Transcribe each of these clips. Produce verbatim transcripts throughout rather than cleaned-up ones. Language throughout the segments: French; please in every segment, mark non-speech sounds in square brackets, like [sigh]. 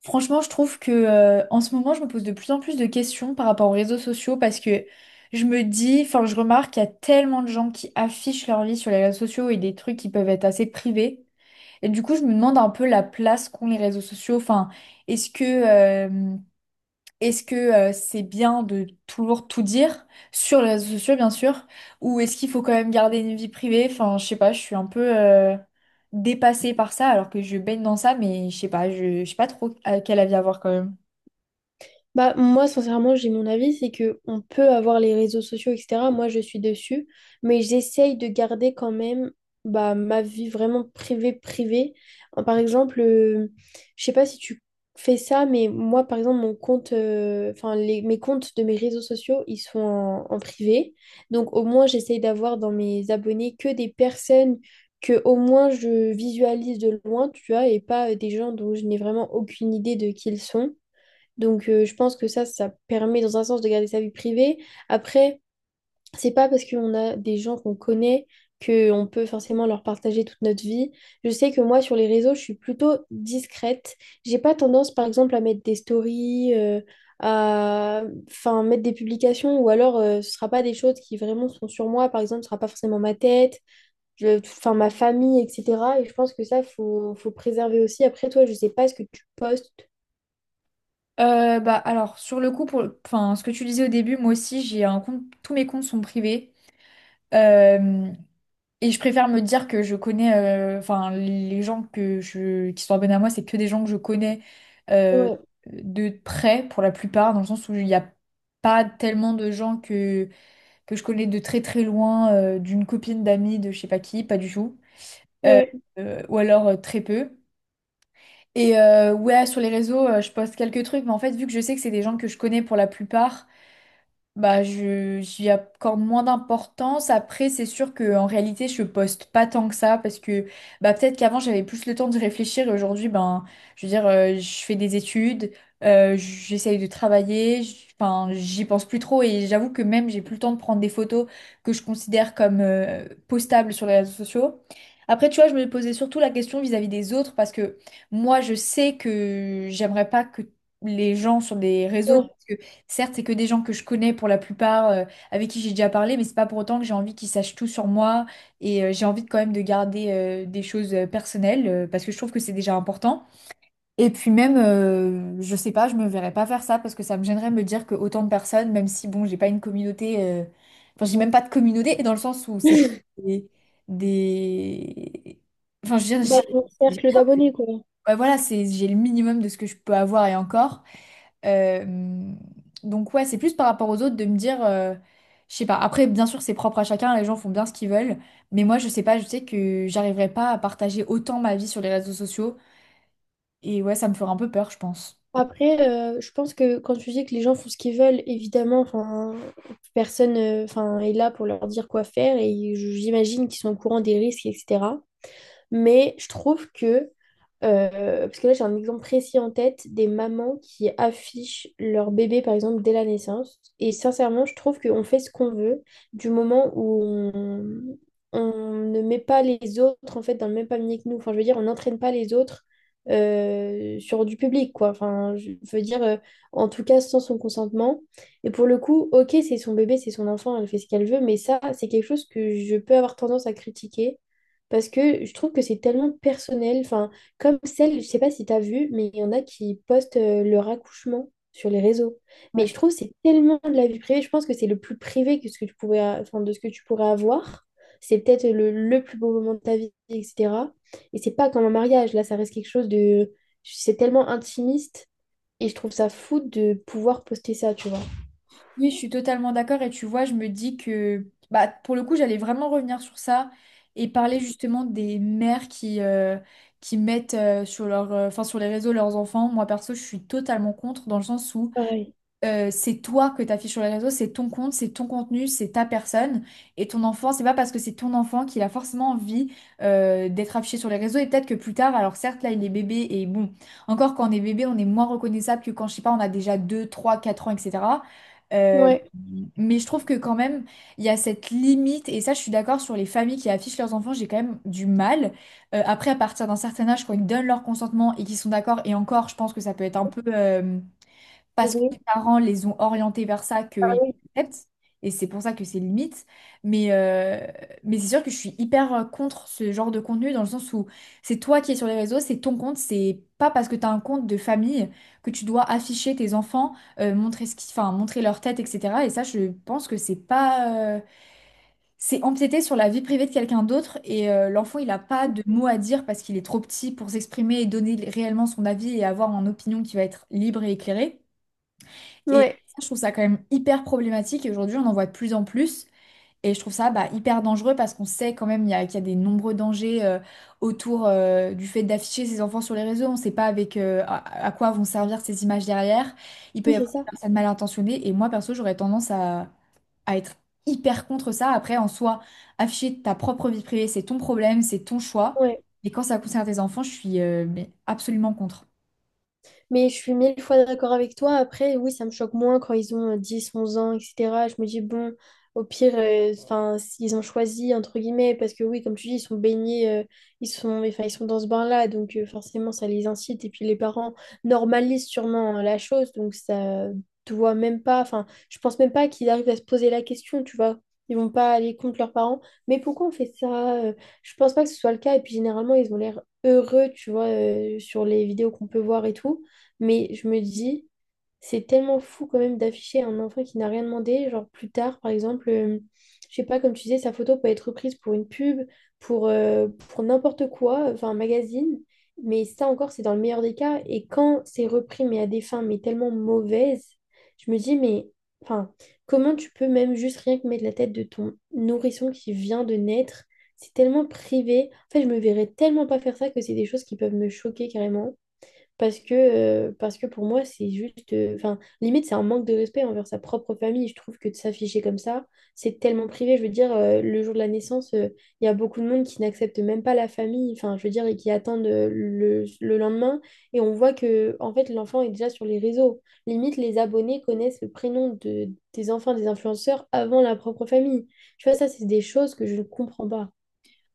Franchement, je trouve que euh, en ce moment, je me pose de plus en plus de questions par rapport aux réseaux sociaux parce que je me dis, enfin, je remarque qu'il y a tellement de gens qui affichent leur vie sur les réseaux sociaux et des trucs qui peuvent être assez privés. Et du coup, je me demande un peu la place qu'ont les réseaux sociaux. Enfin, est-ce que euh, est-ce que euh, c'est bien de toujours tout dire sur les réseaux sociaux, bien sûr, ou est-ce qu'il faut quand même garder une vie privée? Enfin, je sais pas, je suis un peu euh, dépassée par ça, alors que je baigne dans ça, mais je sais pas, je, je sais pas trop à quel avis avoir quand même. Bah, moi, sincèrement, j'ai mon avis, c'est que on peut avoir les réseaux sociaux, et cetera. Moi, je suis dessus, mais j'essaye de garder quand même bah, ma vie vraiment privée, privée. Euh, Par exemple, euh, je sais pas si tu fais ça, mais moi, par exemple, mon compte, euh, enfin, les, mes comptes de mes réseaux sociaux, ils sont en, en privé. Donc, au moins, j'essaye d'avoir dans mes abonnés que des personnes que au moins je visualise de loin, tu vois, et pas euh, des gens dont je n'ai vraiment aucune idée de qui ils sont. Donc, euh, je pense que ça, ça permet dans un sens de garder sa vie privée. Après, c'est pas parce qu'on a des gens qu'on connaît qu'on peut forcément leur partager toute notre vie. Je sais que moi, sur les réseaux, je suis plutôt discrète. J'ai pas tendance, par exemple, à mettre des stories, euh, à enfin, mettre des publications, ou alors euh, ce sera pas des choses qui vraiment sont sur moi. Par exemple, ce sera pas forcément ma tête, je... enfin, ma famille, et cetera. Et je pense que ça, faut, faut préserver aussi. Après, toi, je sais pas ce que tu postes. Euh, bah alors sur le coup, pour, enfin ce que tu disais au début, moi aussi j'ai un compte, tous mes comptes sont privés. Euh, Et je préfère me dire que je connais, euh, enfin, les gens que je, qui sont abonnés à moi, c'est que des gens que je connais euh, Ouais, de près pour la plupart, dans le sens où il n'y a pas tellement de gens que, que je connais de très très loin, euh, d'une copine, d'amis, de je sais pas qui, pas du tout. Euh, ouais, euh, ou alors euh, très peu. Et euh, ouais, sur les réseaux, euh, je poste quelques trucs, mais en fait, vu que je sais que c'est des gens que je connais pour la plupart, bah, je, j'y accorde moins d'importance. Après, c'est sûr que en réalité, je poste pas tant que ça parce que bah, peut-être qu'avant, j'avais plus le temps de réfléchir et aujourd'hui, ben, je veux dire, euh, je fais des études, euh, j'essaye de travailler, j- enfin, j'y pense plus trop et j'avoue que même, j'ai plus le temps de prendre des photos que je considère comme euh, postables sur les réseaux sociaux. Après, tu vois, je me posais surtout la question vis-à-vis des autres parce que moi, je sais que j'aimerais pas que les gens sur des réseaux. ouais. Certes, c'est que des gens que je connais pour la plupart, euh, avec qui j'ai déjà parlé, mais c'est pas pour autant que j'ai envie qu'ils sachent tout sur moi et euh, j'ai envie de- quand même de garder euh, des choses euh, personnelles euh, parce que je trouve que c'est déjà important. Et puis même, euh, je sais pas, je me verrais pas faire ça parce que ça me gênerait de me dire que autant de personnes, même si bon, j'ai pas une communauté, euh, enfin j'ai même pas de communauté et dans le sens où c'est [laughs] des, des- enfin je veux dire, Bah, mon j'ai- cercle d'abonnés, quoi. ouais, voilà, c'est j'ai le minimum de ce que je peux avoir et encore. Euh, donc ouais, c'est plus par rapport aux autres de me dire, euh, je sais pas. Après, bien sûr, c'est propre à chacun, les gens font bien ce qu'ils veulent, mais moi, je sais pas, je sais que j'arriverai pas à partager autant ma vie sur les réseaux sociaux, et ouais, ça me ferait un peu peur, je pense. Après, euh, je pense que quand tu dis que les gens font ce qu'ils veulent, évidemment, enfin, personne, euh, enfin, est là pour leur dire quoi faire et j'imagine qu'ils sont au courant des risques, et cetera. Mais je trouve que Euh, parce que là, j'ai un exemple précis en tête des mamans qui affichent leur bébé, par exemple, dès la naissance. Et sincèrement, je trouve qu'on fait ce qu'on veut du moment où on, on ne met pas les autres, en fait, dans le même panier que nous. Enfin, je veux dire, on n'entraîne pas les autres euh, sur du public, quoi. Enfin, je veux dire, euh, en tout cas, sans son consentement. Et pour le coup, ok, c'est son bébé, c'est son enfant, elle fait ce qu'elle veut, mais ça, c'est quelque chose que je peux avoir tendance à critiquer parce que je trouve que c'est tellement personnel. Enfin, comme celle, je sais pas si tu as vu, mais il y en a qui postent euh, leur accouchement sur les réseaux. Mais Ouais. je trouve que c'est tellement de la vie privée. Je pense que c'est le plus privé que ce que tu pourrais, a- enfin, de ce que tu pourrais avoir. C'est peut-être le, le plus beau moment de ta vie, et cetera. Et c'est pas comme un mariage. Là, ça reste quelque chose de... C'est tellement intimiste. Et je trouve ça fou de pouvoir poster ça, tu vois. Oui, je suis totalement d'accord, et tu vois, je me dis que, bah, pour le coup, j'allais vraiment revenir sur ça et parler justement des mères qui, euh, qui mettent euh, sur leur, euh, enfin, sur les réseaux leurs enfants. Moi, perso, je suis totalement contre, dans le sens où Pareil. euh, c'est toi que t'affiches sur les réseaux, c'est ton compte, c'est ton contenu, c'est ta personne. Et ton enfant, c'est pas parce que c'est ton enfant qu'il a forcément envie euh, d'être affiché sur les réseaux. Et peut-être que plus tard, alors certes, là, il est bébé et bon, encore quand on est bébé, on est moins reconnaissable que quand, je sais pas, on a déjà deux, trois, quatre ans, et cætera. Euh, Ouais. Ouais. Mais je trouve que quand même, il y a cette limite, et ça, je suis d'accord sur les familles qui affichent leurs enfants, j'ai quand même du mal. Euh, après, à partir d'un certain âge, quand ils donnent leur consentement et qu'ils sont d'accord, et encore, je pense que ça peut être un peu. Euh, parce que les Ouais. parents les ont orientés vers ça Ah qu'ils oui. acceptent. Et c'est pour ça que c'est limite. Mais, euh, mais c'est sûr que je suis hyper euh, contre ce genre de contenu dans le sens où c'est toi qui es sur les réseaux, c'est ton compte, c'est pas parce que tu as un compte de famille que tu dois afficher tes enfants, euh, montrer ce qui, enfin, montrer leur tête, et cætera. Et ça, je pense que c'est pas, euh, c'est empiéter sur la vie privée de quelqu'un d'autre et euh, l'enfant, il n'a pas de mots à dire parce qu'il est trop petit pour s'exprimer et donner réellement son avis et avoir une opinion qui va être libre et éclairée. Et Ouais. ça, je trouve ça quand même hyper problématique. Et aujourd'hui, on en voit de plus en plus. Et je trouve ça bah, hyper dangereux parce qu'on sait quand même il y a- qu'il y a des nombreux dangers euh, autour euh, du fait d'afficher ses enfants sur les réseaux. On ne sait pas avec euh, à, à quoi vont servir ces images derrière. Il peut Oui, y c'est avoir des ça. personnes mal intentionnées. Et moi, perso, j'aurais tendance à, à être hyper contre ça. Après, en soi, afficher ta propre vie privée, c'est ton problème, c'est ton choix. Ouais. Et quand ça concerne tes enfants, je suis euh, mais absolument contre. Mais je suis mille fois d'accord avec toi. Après, oui, ça me choque moins quand ils ont euh, dix, onze ans, et cetera. Je me dis, bon, au pire, euh, enfin, ils ont choisi, entre guillemets, parce que oui, comme tu dis, ils sont baignés, euh, ils sont, enfin, ils sont dans ce bain-là, donc euh, forcément, ça les incite. Et puis les parents normalisent sûrement euh, la chose, donc ça doit même pas, enfin, je pense même pas qu'ils arrivent à se poser la question, tu vois. Ils vont pas aller contre leurs parents. Mais pourquoi on fait ça? Euh, Je pense pas que ce soit le cas. Et puis généralement, ils ont l'air heureux, tu vois, euh, sur les vidéos qu'on peut voir et tout. Mais je me dis, c'est tellement fou quand même d'afficher un enfant qui n'a rien demandé. Genre plus tard, par exemple, euh, je sais pas, comme tu disais, sa photo peut être reprise pour une pub, pour, euh, pour n'importe quoi, enfin un magazine. Mais ça encore, c'est dans le meilleur des cas. Et quand c'est repris, mais à des fins, mais tellement mauvaises, je me dis, mais enfin, comment tu peux même juste rien que mettre la tête de ton nourrisson qui vient de naître? C'est tellement privé. En fait, je me verrais tellement pas faire ça que c'est des choses qui peuvent me choquer carrément. Parce que, euh, parce que pour moi, c'est juste. euh, Enfin, limite, c'est un manque de respect envers sa propre famille. Je trouve que de s'afficher comme ça, c'est tellement privé. Je veux dire, euh, le jour de la naissance, euh, il y a beaucoup de monde qui n'accepte même pas la famille. Enfin, je veux dire, et qui attendent euh, le, le lendemain. Et on voit que, en fait, l'enfant est déjà sur les réseaux. Limite, les abonnés connaissent le prénom de, des enfants des influenceurs avant la propre famille. Tu vois, ça, c'est des choses que je ne comprends pas.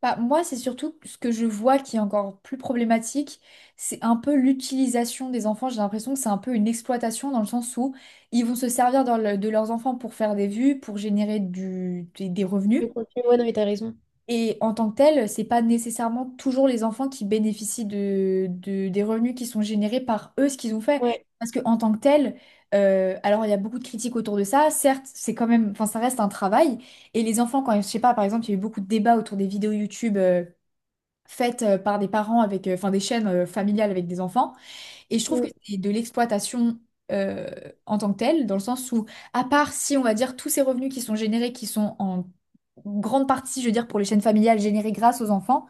Bah, moi, c'est surtout ce que je vois qui est encore plus problématique, c'est un peu l'utilisation des enfants. J'ai l'impression que c'est un peu une exploitation dans le sens où ils vont se servir dans le- de leurs enfants pour faire des vues, pour générer du- des, des Le revenus. contenu, ouais, non, mais t'as raison. Et en tant que tel, c'est pas nécessairement toujours les enfants qui bénéficient de, de- des revenus qui sont générés par eux, ce qu'ils ont fait. Ouais. Parce que en tant que tel, euh, alors il y a beaucoup de critiques autour de ça. Certes, c'est quand même, enfin, ça reste un travail. Et les enfants, quand, je sais pas, par exemple, il y a eu beaucoup de débats autour des vidéos YouTube. Euh, faites euh, par des parents avec, euh, enfin des chaînes euh, familiales avec des enfants. Et je trouve que Mm. c'est de l'exploitation euh, en tant que telle, dans le sens où, à part si on va dire tous ces revenus qui sont générés, qui sont en grande partie, je veux dire, pour les chaînes familiales générées grâce aux enfants,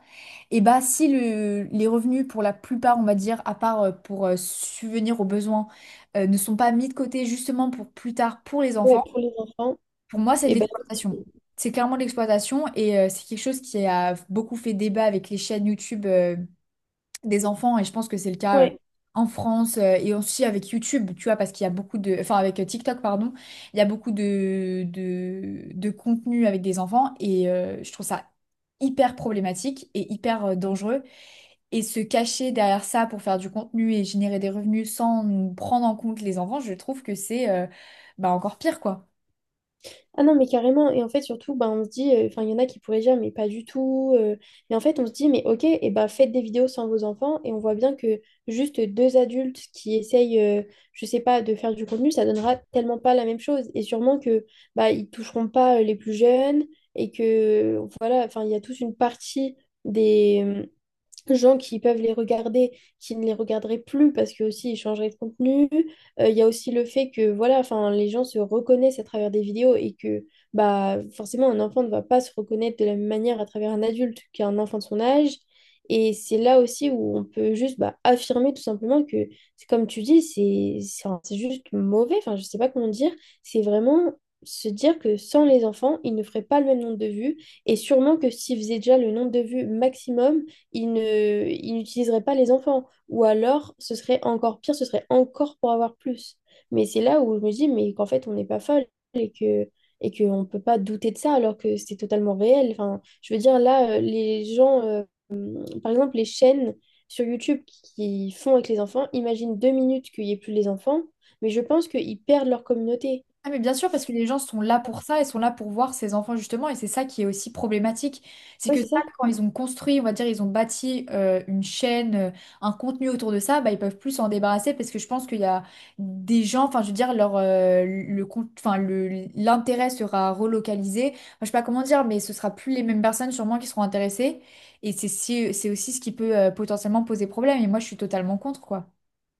et bah si le- les revenus pour la plupart, on va dire, à part euh, pour euh, subvenir aux besoins, euh, ne sont pas mis de côté justement pour plus tard pour les Ouais, enfants, pour les enfants. pour moi c'est de Et ben, l'exploitation. C'est clairement de l'exploitation et euh, c'est quelque chose qui a beaucoup fait débat avec les chaînes YouTube euh, des enfants, et je pense que c'est le cas euh, ouais. en France euh, et aussi avec YouTube, tu vois, parce qu'il y a beaucoup de... Enfin, avec euh, TikTok, pardon, il y a beaucoup de, de, de contenu avec des enfants, et euh, je trouve ça hyper problématique et hyper euh, dangereux. Et se cacher derrière ça pour faire du contenu et générer des revenus sans prendre en compte les enfants, je trouve que c'est euh, bah, encore pire, quoi. Ah non, mais carrément. Et en fait, surtout, bah, on se dit, euh, enfin, il y en a qui pourraient dire, mais pas du tout. euh. Mais en fait, on se dit, mais ok, et bah, faites des vidéos sans vos enfants. Et on voit bien que juste deux adultes qui essayent, euh, je sais pas, de faire du contenu, ça donnera tellement pas la même chose. Et sûrement que bah, ils toucheront pas euh, les plus jeunes. Et que, voilà, enfin, il y a toute une partie des, euh, gens qui peuvent les regarder, qui ne les regarderaient plus parce que aussi ils changeraient de contenu. Euh, Il y a aussi le fait que voilà, enfin les gens se reconnaissent à travers des vidéos et que bah forcément un enfant ne va pas se reconnaître de la même manière à travers un adulte qu'un enfant de son âge. Et c'est là aussi où on peut juste bah, affirmer tout simplement que, c'est comme tu dis, c'est c'est enfin, c'est juste mauvais, enfin je sais pas comment dire, c'est vraiment se dire que sans les enfants, ils ne feraient pas le même nombre de vues, et sûrement que s'ils faisaient déjà le nombre de vues maximum, ils ne, ils n'utiliseraient pas les enfants. Ou alors, ce serait encore pire, ce serait encore pour avoir plus. Mais c'est là où je me dis, mais qu'en fait, on n'est pas folle et que et qu'on ne peut pas douter de ça alors que c'est totalement réel. Enfin, je veux dire, là, euh, les gens, euh, hum, par exemple, les chaînes sur YouTube qui font avec les enfants, imagine deux minutes qu'il n'y ait plus les enfants, mais je pense qu'ils perdent leur communauté. Ah mais bien sûr, parce que les gens sont là pour ça, ils sont là pour voir ces enfants justement, et c'est ça qui est aussi problématique. C'est Ouais, que ça, c'est ça. quand ils ont construit, on va dire, ils ont bâti euh, une chaîne, euh, un contenu autour de ça, bah, ils peuvent plus s'en débarrasser parce que je pense qu'il y a des gens, enfin je veux dire, leur, euh, le, con- enfin, le- l'intérêt sera relocalisé. Enfin, je sais pas comment dire, mais ce sera plus les mêmes personnes sûrement qui seront intéressées. Et c'est si- c'est aussi ce qui peut euh, potentiellement poser problème, et moi je suis totalement contre, quoi.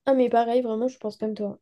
Ah, mais pareil, vraiment, je pense comme toi.